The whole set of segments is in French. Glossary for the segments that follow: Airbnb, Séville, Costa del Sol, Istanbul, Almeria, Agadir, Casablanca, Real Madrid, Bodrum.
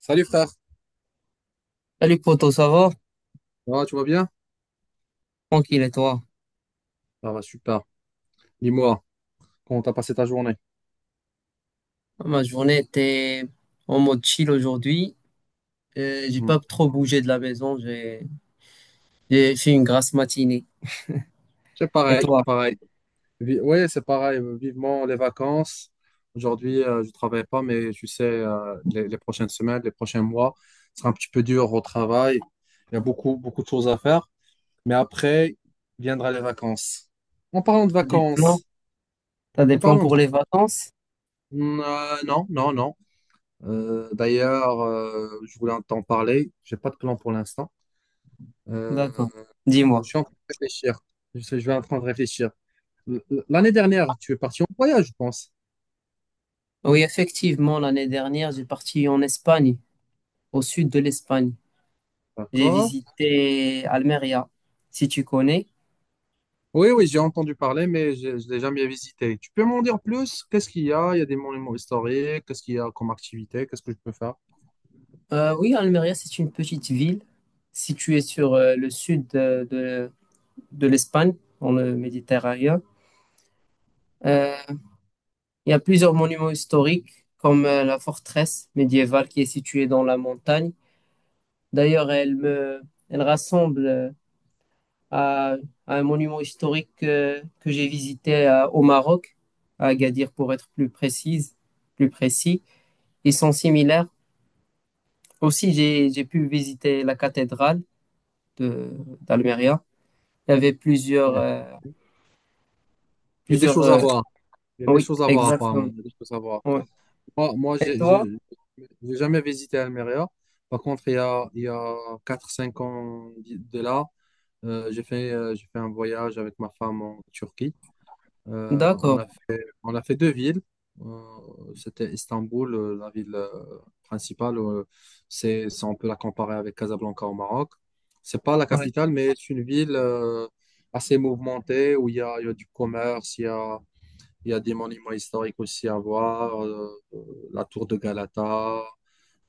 Salut frère. Ça Salut poto, ça va? va, tu vas bien? Tranquille et toi? Ça va, super. Dis-moi, comment t'as passé ta journée? Ah, ma journée était en mode chill aujourd'hui. J'ai Hmm. pas trop bougé de la maison. J'ai fait une grasse matinée. C'est Et pareil, toi? pareil. Ouais, c'est pareil. Vivement les vacances. Aujourd'hui, je travaille pas, mais tu sais, les prochaines semaines, les prochains mois, ce sera un petit peu dur au travail. Il y a beaucoup, beaucoup de choses à faire. Mais après, viendra les vacances. En parlant de T'as des plans? vacances, T'as en des plans parlant pour de... les vacances? Hmm, non, non, non. D'ailleurs, je voulais t'en parler. J'ai pas de plan pour l'instant. Euh, D'accord. Je Dis-moi. suis en train de réfléchir. Je vais en train de réfléchir. L- L'année dernière, tu es parti en voyage, je pense. Oui, effectivement, l'année dernière, j'ai parti en Espagne, au sud de l'Espagne. J'ai D'accord. visité Almeria, si tu connais. Oui, oui, j'ai entendu parler, mais je ne l'ai jamais visité. Tu peux m'en dire plus? Qu'est-ce qu'il y a? Il y a des monuments historiques. Qu'est-ce qu'il y a comme activité? Qu'est-ce que je peux faire? Oui, Almeria, c'est une petite ville située sur le sud de l'Espagne, dans le Méditerranée. Euh, Il y a plusieurs monuments historiques, comme la forteresse médiévale qui est située dans la montagne. D'ailleurs, elle rassemble à, à un monument historique que j'ai visité au Maroc, à Agadir pour être plus précis. Ils sont similaires. Aussi, j'ai pu visiter la cathédrale de, d'Almeria. Il y avait Ouais. Il y a des plusieurs, choses à euh, voir. Il y a des oui, choses à voir, apparemment. exactement. Il y a des choses à voir. Ouais. Moi, moi Et toi? J'ai jamais visité Almeria. Par contre, il y a quatre, cinq ans de là, j'ai fait un voyage avec ma femme en Turquie. D'accord. On a fait deux villes. C'était Istanbul, la ville principale. On peut la comparer avec Casablanca au Maroc. C'est pas la Ouais. capitale, mais c'est une ville assez mouvementée, où il y a du commerce, il y a des monuments historiques aussi à voir, la tour de Galata,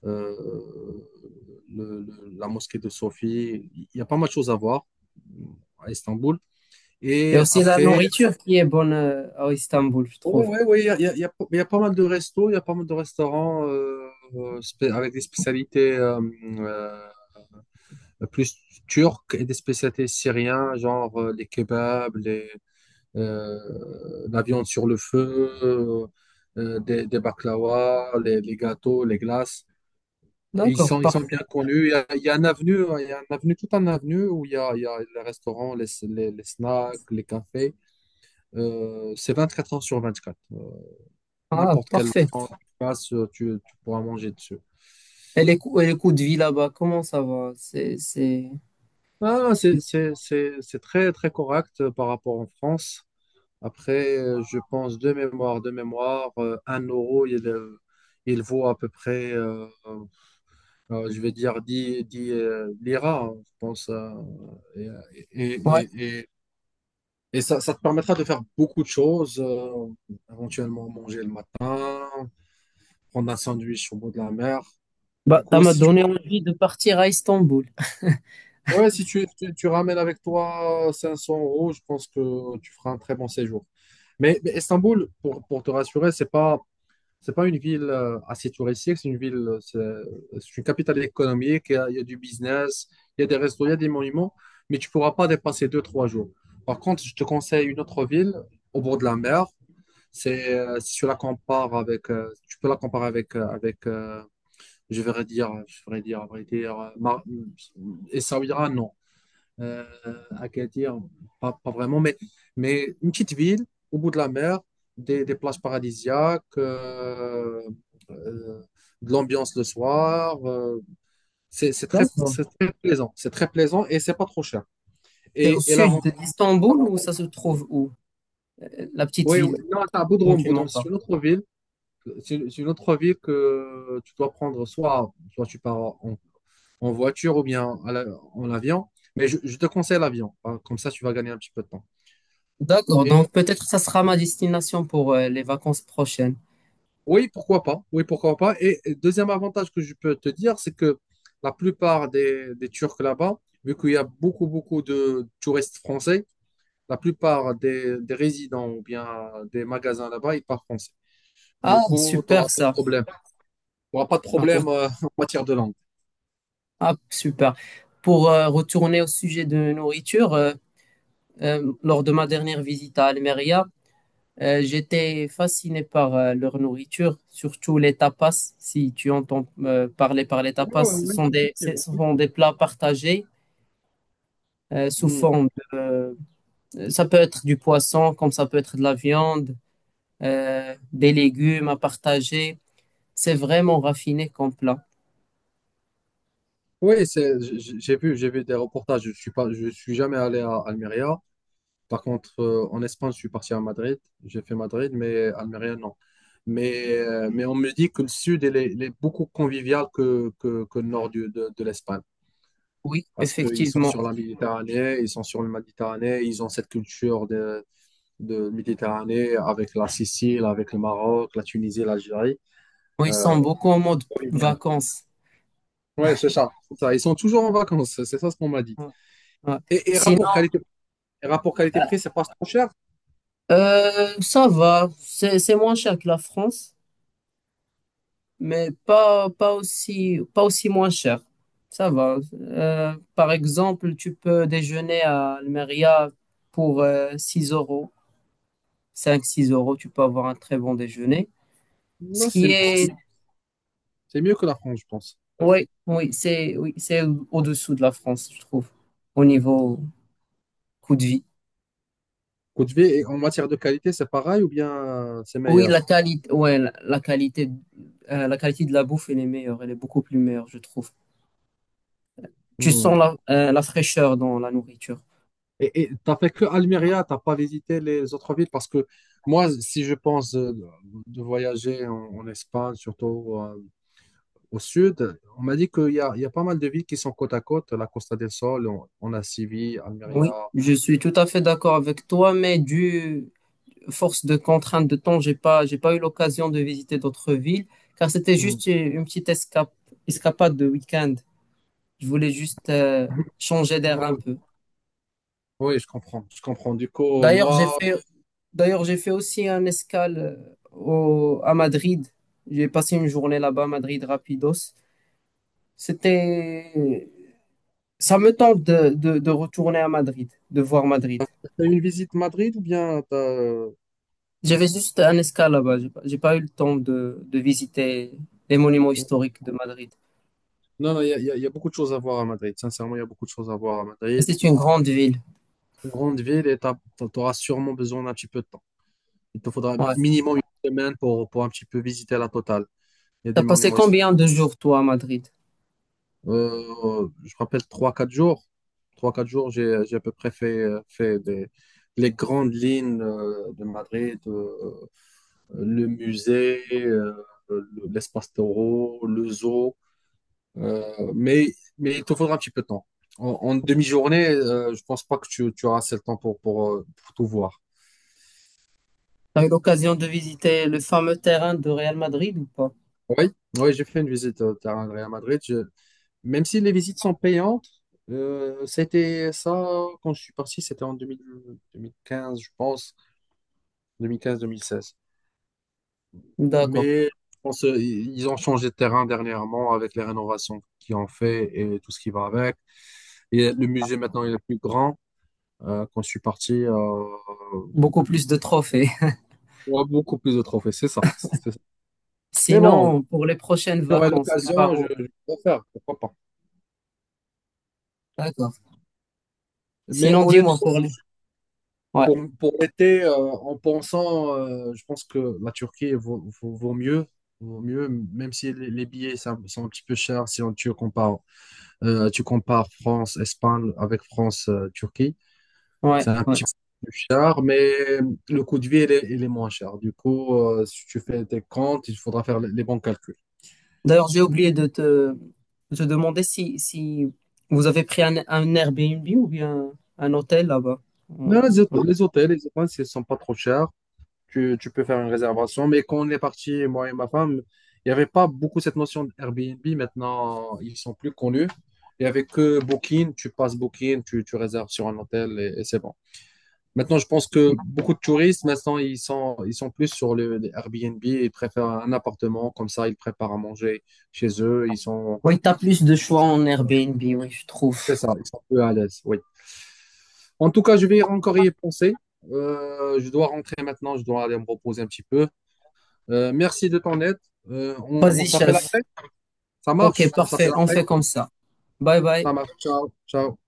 euh, la mosquée de Sophie. Il y a pas mal de choses à voir, euh, à Istanbul. Il y a Et aussi la après, nourriture qui est bonne à Istanbul, je Oui, trouve. oui, oui, il y a, il y a- il y a- il y a pas mal de restos, il y a pas mal de restaurants, avec des spécialités, euh, plus turques et des spécialités syriennes, genre les kebabs, euh, la viande sur le feu, des baklawas, les gâteaux, les glaces. Et D'accord, ils sont parfait. bien connus. Il y a un avenue, hein, il y a un avenue, tout un avenue où il y a les restaurants, les snacks, les cafés. C'est 24 heures sur 24. Ah, N'importe quel parfait. temps que tu passes, tu pourras manger dessus. Et les coûts de vie là-bas, comment ça va? C'est... Ah, c'est très, très correct, par rapport en France. Après, je pense, de mémoire, un euro, il vaut à peu près, je vais dire, dix, liras, hein, je pense. Et, et, Ouais. et, et, et ça te permettra de faire beaucoup de choses, éventuellement manger le matin, prendre un sandwich au bout de la mer. Bah, Du ça coup, m'a si tu donné envie de partir à Istanbul. ouais, si tu, ramènes avec toi 500 euros, je pense que tu feras un très bon séjour. Mais, Istanbul, pour, te rassurer, c'est pas une ville, assez touristique. C'est une capitale économique. Il y a du business, il y a des restos, il y a des monuments, mais tu pourras pas dépasser deux trois jours. Par contre, je te conseille une autre ville au bord de la mer. C'est, si tu la compares avec, Tu peux la comparer avec, je vais dire, à vrai dire, Essaouira, non, euh, Agadir, pas, vraiment, mais, une petite ville au bout de la mer, des, plages paradisiaques, euh, de l'ambiance le soir. C'est très, D'accord. c'est très plaisant. C'est très plaisant et c'est pas trop cher. C'est au Et, et sud l'avant- d'Istanbul ou L'avantage, ça se trouve où? La petite oui, oui, ville non, c'est à dont Bodrum. tu m'en Bodrum, c'est parles. une autre ville. C'est une autre ville que tu dois prendre, soit, tu pars en, voiture, ou bien en avion. Mais je te conseille l'avion, hein. Comme ça, tu vas gagner un petit peu de temps. D'accord, Et donc peut-être ça sera ma destination pour les vacances prochaines. Oui, pourquoi pas. Oui, pourquoi pas. Et deuxième avantage que je peux te dire, c'est que la plupart des Turcs là-bas, vu qu'il y a beaucoup, beaucoup de touristes français, la plupart des résidents, ou bien des magasins là-bas, ils parlent français. Du Ah, coup, tu n'auras super pas de ça. problème. Tu n'auras pas de Ah, oui. problème, en matière de langue. Ah, super. Pour retourner au sujet de nourriture, lors de ma dernière visite à Almeria, j'étais fasciné par leur nourriture, surtout les tapas. Si tu entends parler par les tapas, Oh, ce oui, sont ce effectivement. sont des plats partagés sous Hmm. forme ça peut être du poisson, comme ça peut être de la viande, des légumes à partager. C'est vraiment raffiné comme plat. Oui, j'ai vu, des reportages. Je suis jamais allé à Almeria. Par contre, en Espagne, je suis parti à Madrid. J'ai fait Madrid, mais Almeria, non. Mais on me dit que le sud, il est beaucoup convivial que, que le nord de l'Espagne. Oui, Parce qu'ils sont effectivement. sur la Méditerranée, ils sont sur le Méditerranée, ils ont cette culture de, Méditerranée, avec la Sicile, avec le Maroc, la Tunisie, l'Algérie. Oui, ils Euh, sont beaucoup en mode Convivial. vacances. Ouais, c'est ça. Ils sont toujours en vacances, c'est ça ce qu'on m'a dit. Ouais, ouais. Et, et Sinon, rapport qualité Et rapport qualité-prix, c'est pas trop cher. Ça va. C'est moins cher que la France, mais pas, pas aussi, pas aussi moins cher. Ça va. Par exemple, tu peux déjeuner à Almeria pour 6 euros, cinq six euros, tu peux avoir un très bon déjeuner. Ce Non, qui Ah, est, c'est mieux que la France, je pense. oui, oui, oui, c'est au-dessous de la France, je trouve, au niveau coût de vie. Côte V, et en matière de qualité, c'est pareil, ou bien, c'est Oui, meilleur? la qualité, ouais, la qualité de la bouffe, elle est meilleure, elle est beaucoup plus meilleure, je trouve. Tu sens Hmm. la, la fraîcheur dans la nourriture. Et tu t'as fait que Almeria, t'as pas visité les autres villes? Parce que moi, si je pense, de voyager en, Espagne, surtout, au sud, on m'a dit qu'il y a pas mal de villes qui sont côte à côte: la Costa del Sol, on, a Séville, Almeria. Oui, je suis tout à fait d'accord avec toi, mais du force de contrainte de temps, j'ai pas eu l'occasion de visiter d'autres villes, car c'était Mm. juste une petite escape, escapade de week-end. Je voulais juste changer d'air un peu. Oui, je comprends, je comprends. Du coup, D'ailleurs, j'ai moi, fait, d'ailleurs, j'ai fait aussi un escale à Madrid. J'ai passé une journée là-bas à Madrid rapidos. C'était, ça me tente de retourner à Madrid, de voir Madrid. t'as eu une visite Madrid ou bien J'avais juste un escale là-bas. J'ai pas eu le temps de visiter les monuments historiques de Madrid. non? Non, il y a beaucoup de choses à voir à Madrid. Sincèrement, il y a beaucoup de choses à voir à Madrid. C'est une grande ville. Une grande ville, et tu auras sûrement besoin d'un petit peu de temps. Il te faudra Ouais. minimum une semaine pour, un petit peu visiter la totale. Il y a des T'as passé monuments combien de jours, toi, à Madrid? Je rappelle trois quatre jours. Trois quatre jours, j'ai, à peu près fait, des, les grandes lignes, de Madrid, le musée, l'espace taureau, le zoo. Euh, mais, mais il te faudra un petit peu de temps. En, demi-journée, je pense pas que tu, auras assez le temps pour, pour tout voir. T'as eu l'occasion de visiter le fameux terrain de Real Madrid ou pas? Oui, oui, j'ai fait une visite au terrain de Real Madrid. Même si les visites sont payantes, c'était ça, quand je suis parti, c'était en 2000 2015, je pense, 2015-2016. D'accord. Mais je pense, ils ont changé de terrain dernièrement, avec les rénovations qu'ils ont fait et tout ce qui va avec. Et le musée maintenant, il est plus grand. Quand je suis parti, Beaucoup plus de trophées. on a beaucoup plus de trophées, c'est ça. C'est ça. Mais bon, Sinon, pour les prochaines j'aurai vacances, tu pars l'occasion, je, où? Vais le faire, pourquoi pas. D'accord. Mais Sinon, dis-moi honnêtement, pour si les... Ouais, Pour, l'été, en pensant, je pense que la Turquie vaut mieux, même si les, billets sont, un petit peu chers. Si tu compares, France, Espagne avec France, Turquie, ouais, c'est un ouais. petit peu plus cher, mais le coût de vie, il est moins cher. Du coup, si tu fais tes comptes, il faudra faire les bons calculs. D'ailleurs, j'ai oublié de te demander si, si vous avez pris un Airbnb ou bien un hôtel là-bas. Euh, Mais les hôtels, ils sont pas trop chers. Tu, peux faire une réservation. Mais quand on est parti, moi et ma femme, il n'y avait pas beaucoup cette notion d'Airbnb. Maintenant, ils sont plus connus. Il n'y avait que Booking. Tu passes Booking, tu, réserves sur un hôtel, et, c'est bon. Maintenant, je pense que beaucoup de touristes, maintenant, ils sont plus sur le, les Airbnb. Ils préfèrent un appartement. Comme ça, ils préparent à manger chez eux. Oui, t'as plus de choix en Airbnb, oui, je trouve. C'est ça, ils sont peu à l'aise. Oui. En tout cas, je vais encore y penser. Je dois rentrer maintenant. Je dois aller me reposer un petit peu. Merci de ton aide. On on Vas-y, s'appelle chef. après. Ça Ok, marche? On parfait, s'appelle on après. fait comme ça. Bye bye. Ça marche. Ciao. Ciao.